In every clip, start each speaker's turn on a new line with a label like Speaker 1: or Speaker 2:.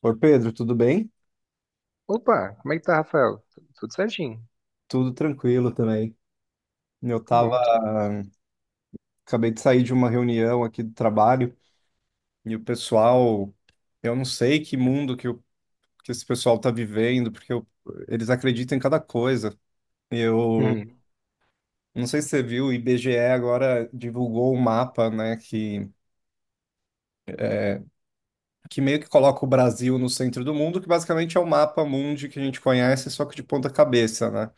Speaker 1: Ô Pedro, tudo bem?
Speaker 2: Opa, como é que tá, Rafael? Tudo certinho.
Speaker 1: Tudo tranquilo também. Eu
Speaker 2: Tudo
Speaker 1: tava,
Speaker 2: bom.
Speaker 1: Acabei de sair de uma reunião aqui do trabalho e o pessoal, eu não sei que mundo que esse pessoal tá vivendo, eles acreditam em cada coisa. Eu
Speaker 2: Uhum,
Speaker 1: não sei se você viu, o IBGE agora divulgou um mapa, né, que meio que coloca o Brasil no centro do mundo, que basicamente é o mapa mundi que a gente conhece, só que de ponta cabeça, né?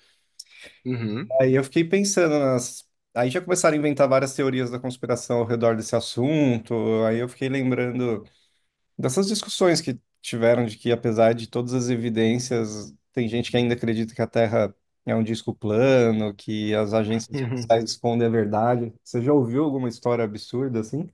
Speaker 2: uhum,
Speaker 1: Aí eu fiquei pensando nas. Aí já começaram a inventar várias teorias da conspiração ao redor desse assunto. Aí eu fiquei lembrando dessas discussões que tiveram de que, apesar de todas as evidências, tem gente que ainda acredita que a Terra é um disco plano, que as agências
Speaker 2: uhum.
Speaker 1: espaciais escondem a verdade. Você já ouviu alguma história absurda assim?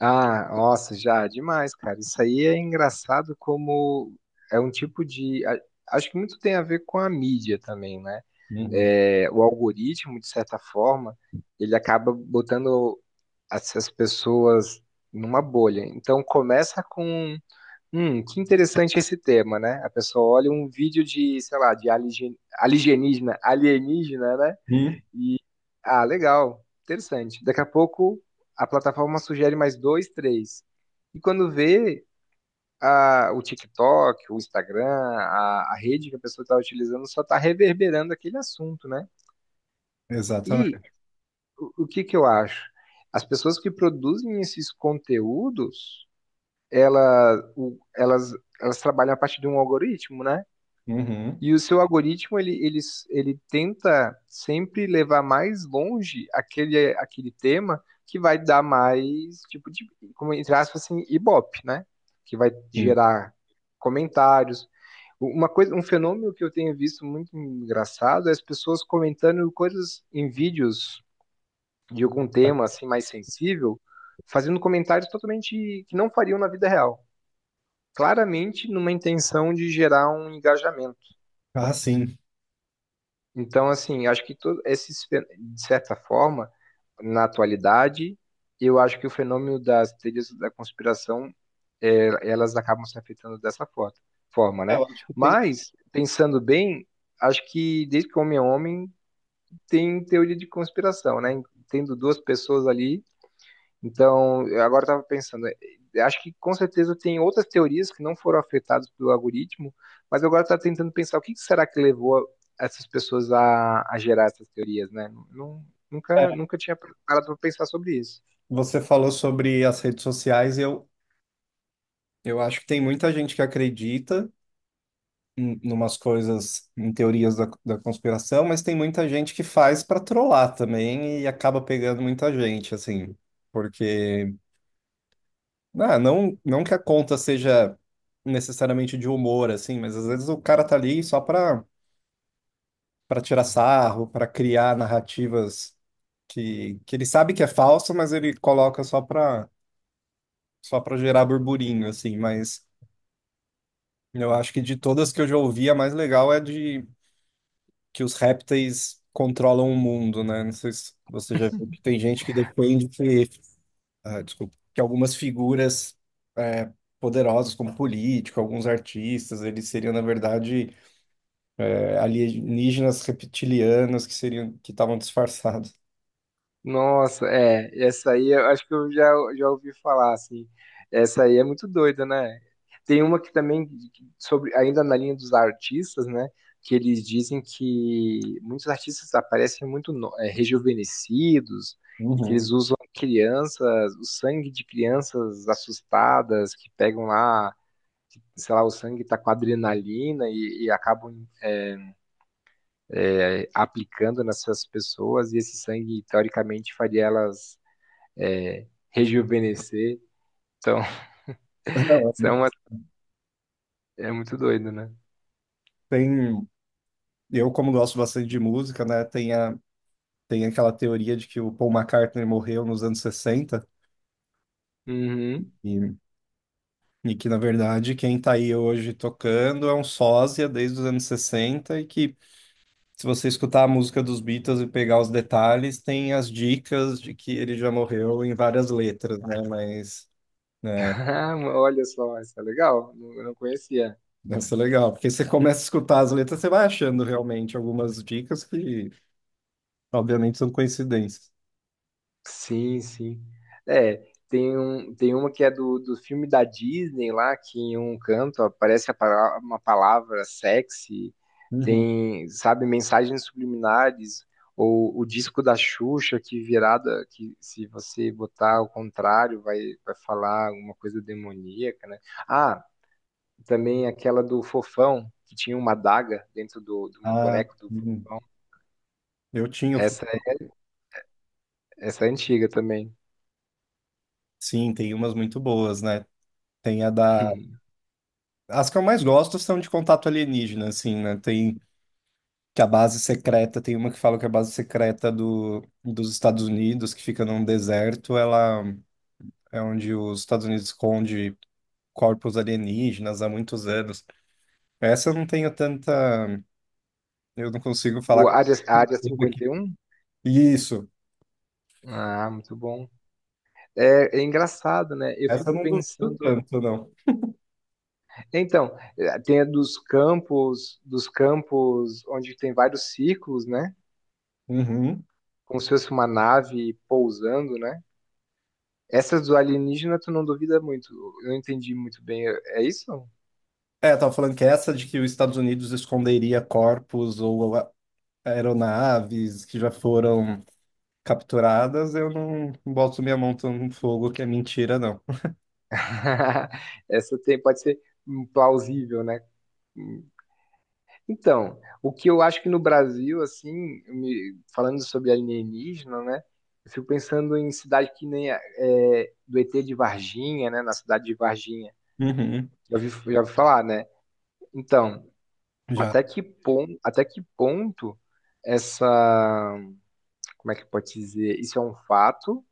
Speaker 2: Ah, nossa, já, demais, cara. Isso aí é engraçado como é um tipo de. a- Acho que muito tem a ver com a mídia também, né?
Speaker 1: Uhum.
Speaker 2: É, o algoritmo, de certa forma, ele acaba botando essas pessoas numa bolha. Então começa com, que interessante esse tema, né? A pessoa olha um vídeo de, sei lá, de alienígena, alienígena, né?
Speaker 1: Hum,
Speaker 2: E, ah, legal. Interessante. Daqui a pouco a plataforma sugere mais dois, três. E quando vê o TikTok, o Instagram, a rede que a pessoa está utilizando só está reverberando aquele assunto, né? E
Speaker 1: Exatamente.
Speaker 2: o que que eu acho? As pessoas que produzem esses conteúdos, ela- o- elas, elas trabalham a partir de um algoritmo, né?
Speaker 1: Uhum.
Speaker 2: E o seu algoritmo, ele tenta sempre levar mais longe aquele tema que vai dar mais, tipo, de, como entre aspas, assim, ibope, né? Que vai
Speaker 1: Sim.
Speaker 2: gerar comentários. Uma coisa, um fenômeno que eu tenho visto muito engraçado é as pessoas comentando coisas em vídeos de algum tema, assim, mais sensível, fazendo comentários totalmente que não fariam na vida real. Claramente numa intenção de gerar um engajamento.
Speaker 1: Ah, sim.
Speaker 2: Então, assim, acho que todo de certa forma, na atualidade, eu acho que o fenômeno das teorias da conspiração, é, elas acabam se afetando forma,
Speaker 1: É,
Speaker 2: né?
Speaker 1: eu acho que tem.
Speaker 2: Mas, pensando bem, acho que desde que o homem é homem, tem teoria de conspiração, né? Tendo duas pessoas ali então, eu agora estava pensando, acho que com certeza tem outras teorias que não foram afetadas pelo algoritmo, mas eu agora estava tentando pensar o que que será que levou essas pessoas a gerar essas teorias, né? Nunca,
Speaker 1: é,
Speaker 2: nunca tinha parado para pensar sobre isso.
Speaker 1: Você falou sobre as redes sociais e eu acho que tem muita gente que acredita em umas coisas, em teorias da conspiração, mas tem muita gente que faz para trollar também e acaba pegando muita gente, assim, porque ah, não que a conta seja necessariamente de humor, assim, mas às vezes o cara tá ali só para para tirar sarro, para criar narrativas que ele sabe que é falso, mas ele coloca só para gerar burburinho, assim, mas eu acho que de todas que eu já ouvi, a mais legal é de que os répteis controlam o mundo, né? Não sei se você já viu que tem gente que defende que, ah, desculpa, que algumas figuras é, poderosas, como político, alguns artistas, eles seriam, na verdade, alienígenas reptilianos que estavam disfarçados.
Speaker 2: Nossa, é, essa aí eu acho que eu já ouvi falar, assim. Essa aí é muito doida, né? Tem uma que também, sobre, ainda na linha dos artistas, né? Que eles dizem que muitos artistas aparecem muito rejuvenescidos e que
Speaker 1: Uhum.
Speaker 2: eles usam crianças, o sangue de crianças assustadas que pegam lá, que, sei lá, o sangue tá com adrenalina e acabam aplicando nessas pessoas e esse sangue, teoricamente, faria elas rejuvenescer. Então, isso é muito doido, né?
Speaker 1: Tem, eu como gosto bastante de música, né? Tem aquela teoria de que o Paul McCartney morreu nos anos 60.
Speaker 2: Uhum.
Speaker 1: E que, na verdade, quem tá aí hoje tocando é um sósia desde os anos 60 e que se você escutar a música dos Beatles e pegar os detalhes, tem as dicas de que ele já morreu em várias letras, né? Mas
Speaker 2: Ah, olha só, isso é legal. Eu não conhecia.
Speaker 1: isso é legal, porque você começa a escutar as letras, você vai achando realmente algumas dicas que, obviamente, são coincidências.
Speaker 2: Sim, sim. É, tem uma que é do, filme da Disney lá, que em um canto aparece a uma palavra sexy,
Speaker 1: Uhum.
Speaker 2: tem, sabe, mensagens subliminares, ou o disco da Xuxa que virada, que se você botar ao contrário vai falar alguma coisa demoníaca, né? Ah, também aquela do Fofão, que tinha uma adaga dentro do
Speaker 1: Ah,
Speaker 2: boneco do
Speaker 1: uhum.
Speaker 2: Fofão.
Speaker 1: eu tinha,
Speaker 2: Essa, é- essa é antiga também.
Speaker 1: sim, tem umas muito boas, né? Tem a da. As que eu mais gosto são de contato alienígena, assim, né? Tem Que a base secreta, tem uma que fala que a base secreta dos Estados Unidos, que fica num deserto, ela é onde os Estados Unidos esconde corpos alienígenas há muitos anos. Essa eu não tenho tanta, Eu não consigo falar
Speaker 2: O
Speaker 1: com
Speaker 2: Área, a Área
Speaker 1: tudo aqui.
Speaker 2: 51.
Speaker 1: Isso,
Speaker 2: Ah, muito bom. É engraçado, né? Eu
Speaker 1: essa eu
Speaker 2: fico
Speaker 1: não
Speaker 2: pensando.
Speaker 1: duvido tanto, não.
Speaker 2: Então, tem a dos campos onde tem vários círculos, né?
Speaker 1: Uhum.
Speaker 2: Como se fosse uma nave pousando, né? Essas do alienígena, tu não duvida muito. Eu não entendi muito bem. É isso?
Speaker 1: É, eu tava falando que essa de que os Estados Unidos esconderia corpos aeronaves que já foram capturadas, eu não boto minha mão tão no fogo que é mentira, não.
Speaker 2: Essa tem, pode ser plausível, né? Então, o que eu acho que no Brasil, assim, falando sobre alienígena, né? Eu fico pensando em cidade que nem do ET de Varginha, né? Na cidade de Varginha.
Speaker 1: Uhum.
Speaker 2: Já ouvi falar, né? Então,
Speaker 1: Já.
Speaker 2: até que ponto, essa, como é que pode dizer? Isso é um fato?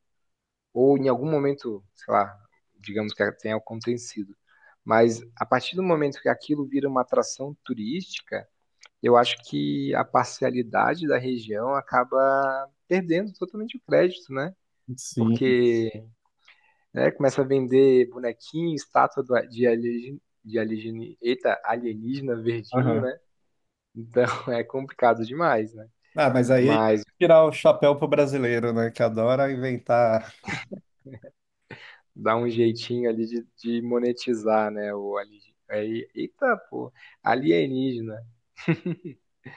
Speaker 2: Ou em algum momento, sei lá, digamos que tenha acontecido. Mas a partir do momento que aquilo vira uma atração turística, eu acho que a parcialidade da região acaba perdendo totalmente o crédito, né?
Speaker 1: Sim.
Speaker 2: Porque né, começa a vender bonequinho, estátua de alienígena, eita, alienígena verdinho,
Speaker 1: Aham.
Speaker 2: né? Então é complicado demais, né?
Speaker 1: Ah, mas aí é
Speaker 2: Mas
Speaker 1: tirar o chapéu pro brasileiro, né? Que adora inventar.
Speaker 2: dá um jeitinho ali de monetizar, né? O alienígena. Eita, pô, alienígena.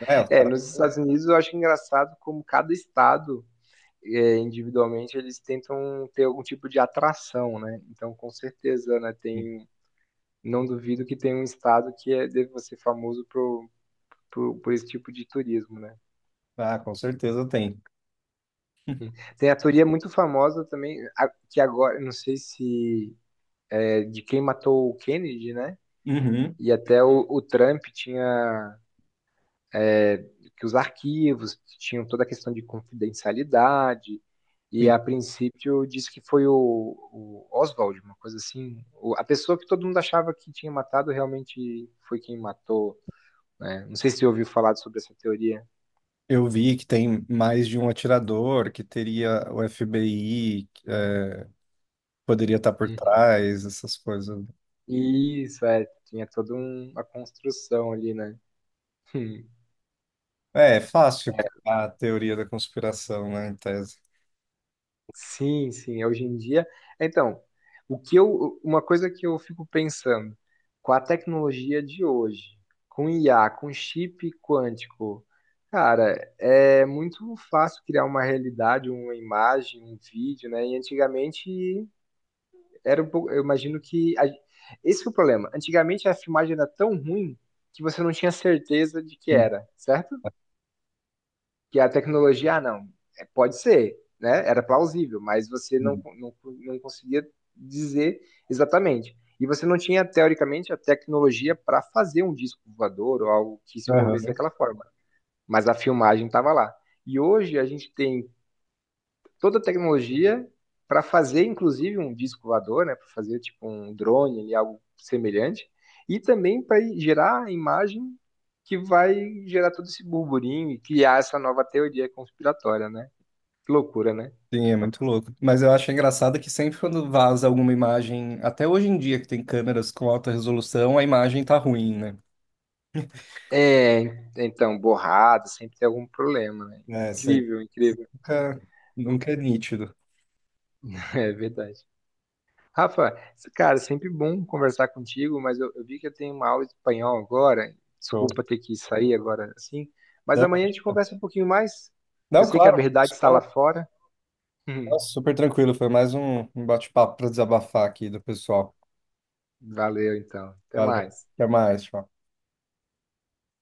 Speaker 1: É, os
Speaker 2: É,
Speaker 1: caras.
Speaker 2: nos Estados Unidos eu acho engraçado como cada estado é, individualmente, eles tentam ter algum tipo de atração, né? Então, com certeza, né? Tem, não duvido que tem um estado que é, deve ser famoso por, por esse tipo de turismo, né?
Speaker 1: Ah, com certeza tem.
Speaker 2: Tem a teoria muito famosa também, que agora, não sei se é de quem matou o Kennedy, né?
Speaker 1: Uhum.
Speaker 2: E até o Trump tinha que os arquivos tinham toda a questão de confidencialidade, e
Speaker 1: Sim.
Speaker 2: a princípio disse que foi o Oswald, uma coisa assim. A pessoa que todo mundo achava que tinha matado realmente foi quem matou. Né? Não sei se você ouviu falar sobre essa teoria.
Speaker 1: Eu vi que tem mais de um atirador, que teria o FBI, que poderia estar por
Speaker 2: Uhum.
Speaker 1: trás, essas coisas.
Speaker 2: Isso, é, tinha toda uma construção ali, né?
Speaker 1: É, é fácil criar a teoria da conspiração, né, em tese.
Speaker 2: Sim, sim, é hoje em dia. Então, uma coisa que eu fico pensando, com a tecnologia de hoje, com IA, com chip quântico, cara, é muito fácil criar uma realidade, uma imagem, um vídeo, né? E antigamente era um pouco, eu imagino que esse foi o problema. Antigamente a filmagem era tão ruim que você não tinha certeza de que
Speaker 1: Uhum.
Speaker 2: era, certo? Que a tecnologia, ah, não, é, pode ser, né? Era plausível, mas você não conseguia dizer exatamente. E você não tinha, teoricamente, a tecnologia para fazer um disco voador ou algo que se movesse
Speaker 1: Aham.
Speaker 2: daquela forma. Mas a filmagem estava lá. E hoje a gente tem toda a tecnologia para fazer, inclusive, um disco voador, né? Para fazer tipo um drone ali, algo semelhante, e também para gerar a imagem que vai gerar todo esse burburinho e criar essa nova teoria conspiratória, né? Que loucura, né?
Speaker 1: Sim, é muito louco. Mas eu acho engraçado que sempre quando vaza alguma imagem, até hoje em dia que tem câmeras com alta resolução, a imagem tá ruim, né?
Speaker 2: É, então, borrado, sempre tem algum problema, né?
Speaker 1: É, isso aí
Speaker 2: Incrível, incrível.
Speaker 1: nunca, nunca é nítido.
Speaker 2: É verdade. Rafa, cara, é sempre bom conversar contigo, mas eu vi que eu tenho uma aula de espanhol agora.
Speaker 1: Show.
Speaker 2: Desculpa ter que sair agora assim, mas
Speaker 1: Não,
Speaker 2: amanhã a gente conversa um pouquinho mais. Eu
Speaker 1: não,
Speaker 2: sei que a
Speaker 1: claro,
Speaker 2: verdade está lá
Speaker 1: pessoal,
Speaker 2: fora.
Speaker 1: nossa, super tranquilo. Foi mais um bate-papo para desabafar aqui do pessoal.
Speaker 2: Valeu, então. Até
Speaker 1: Valeu.
Speaker 2: mais.
Speaker 1: Até mais, tchau.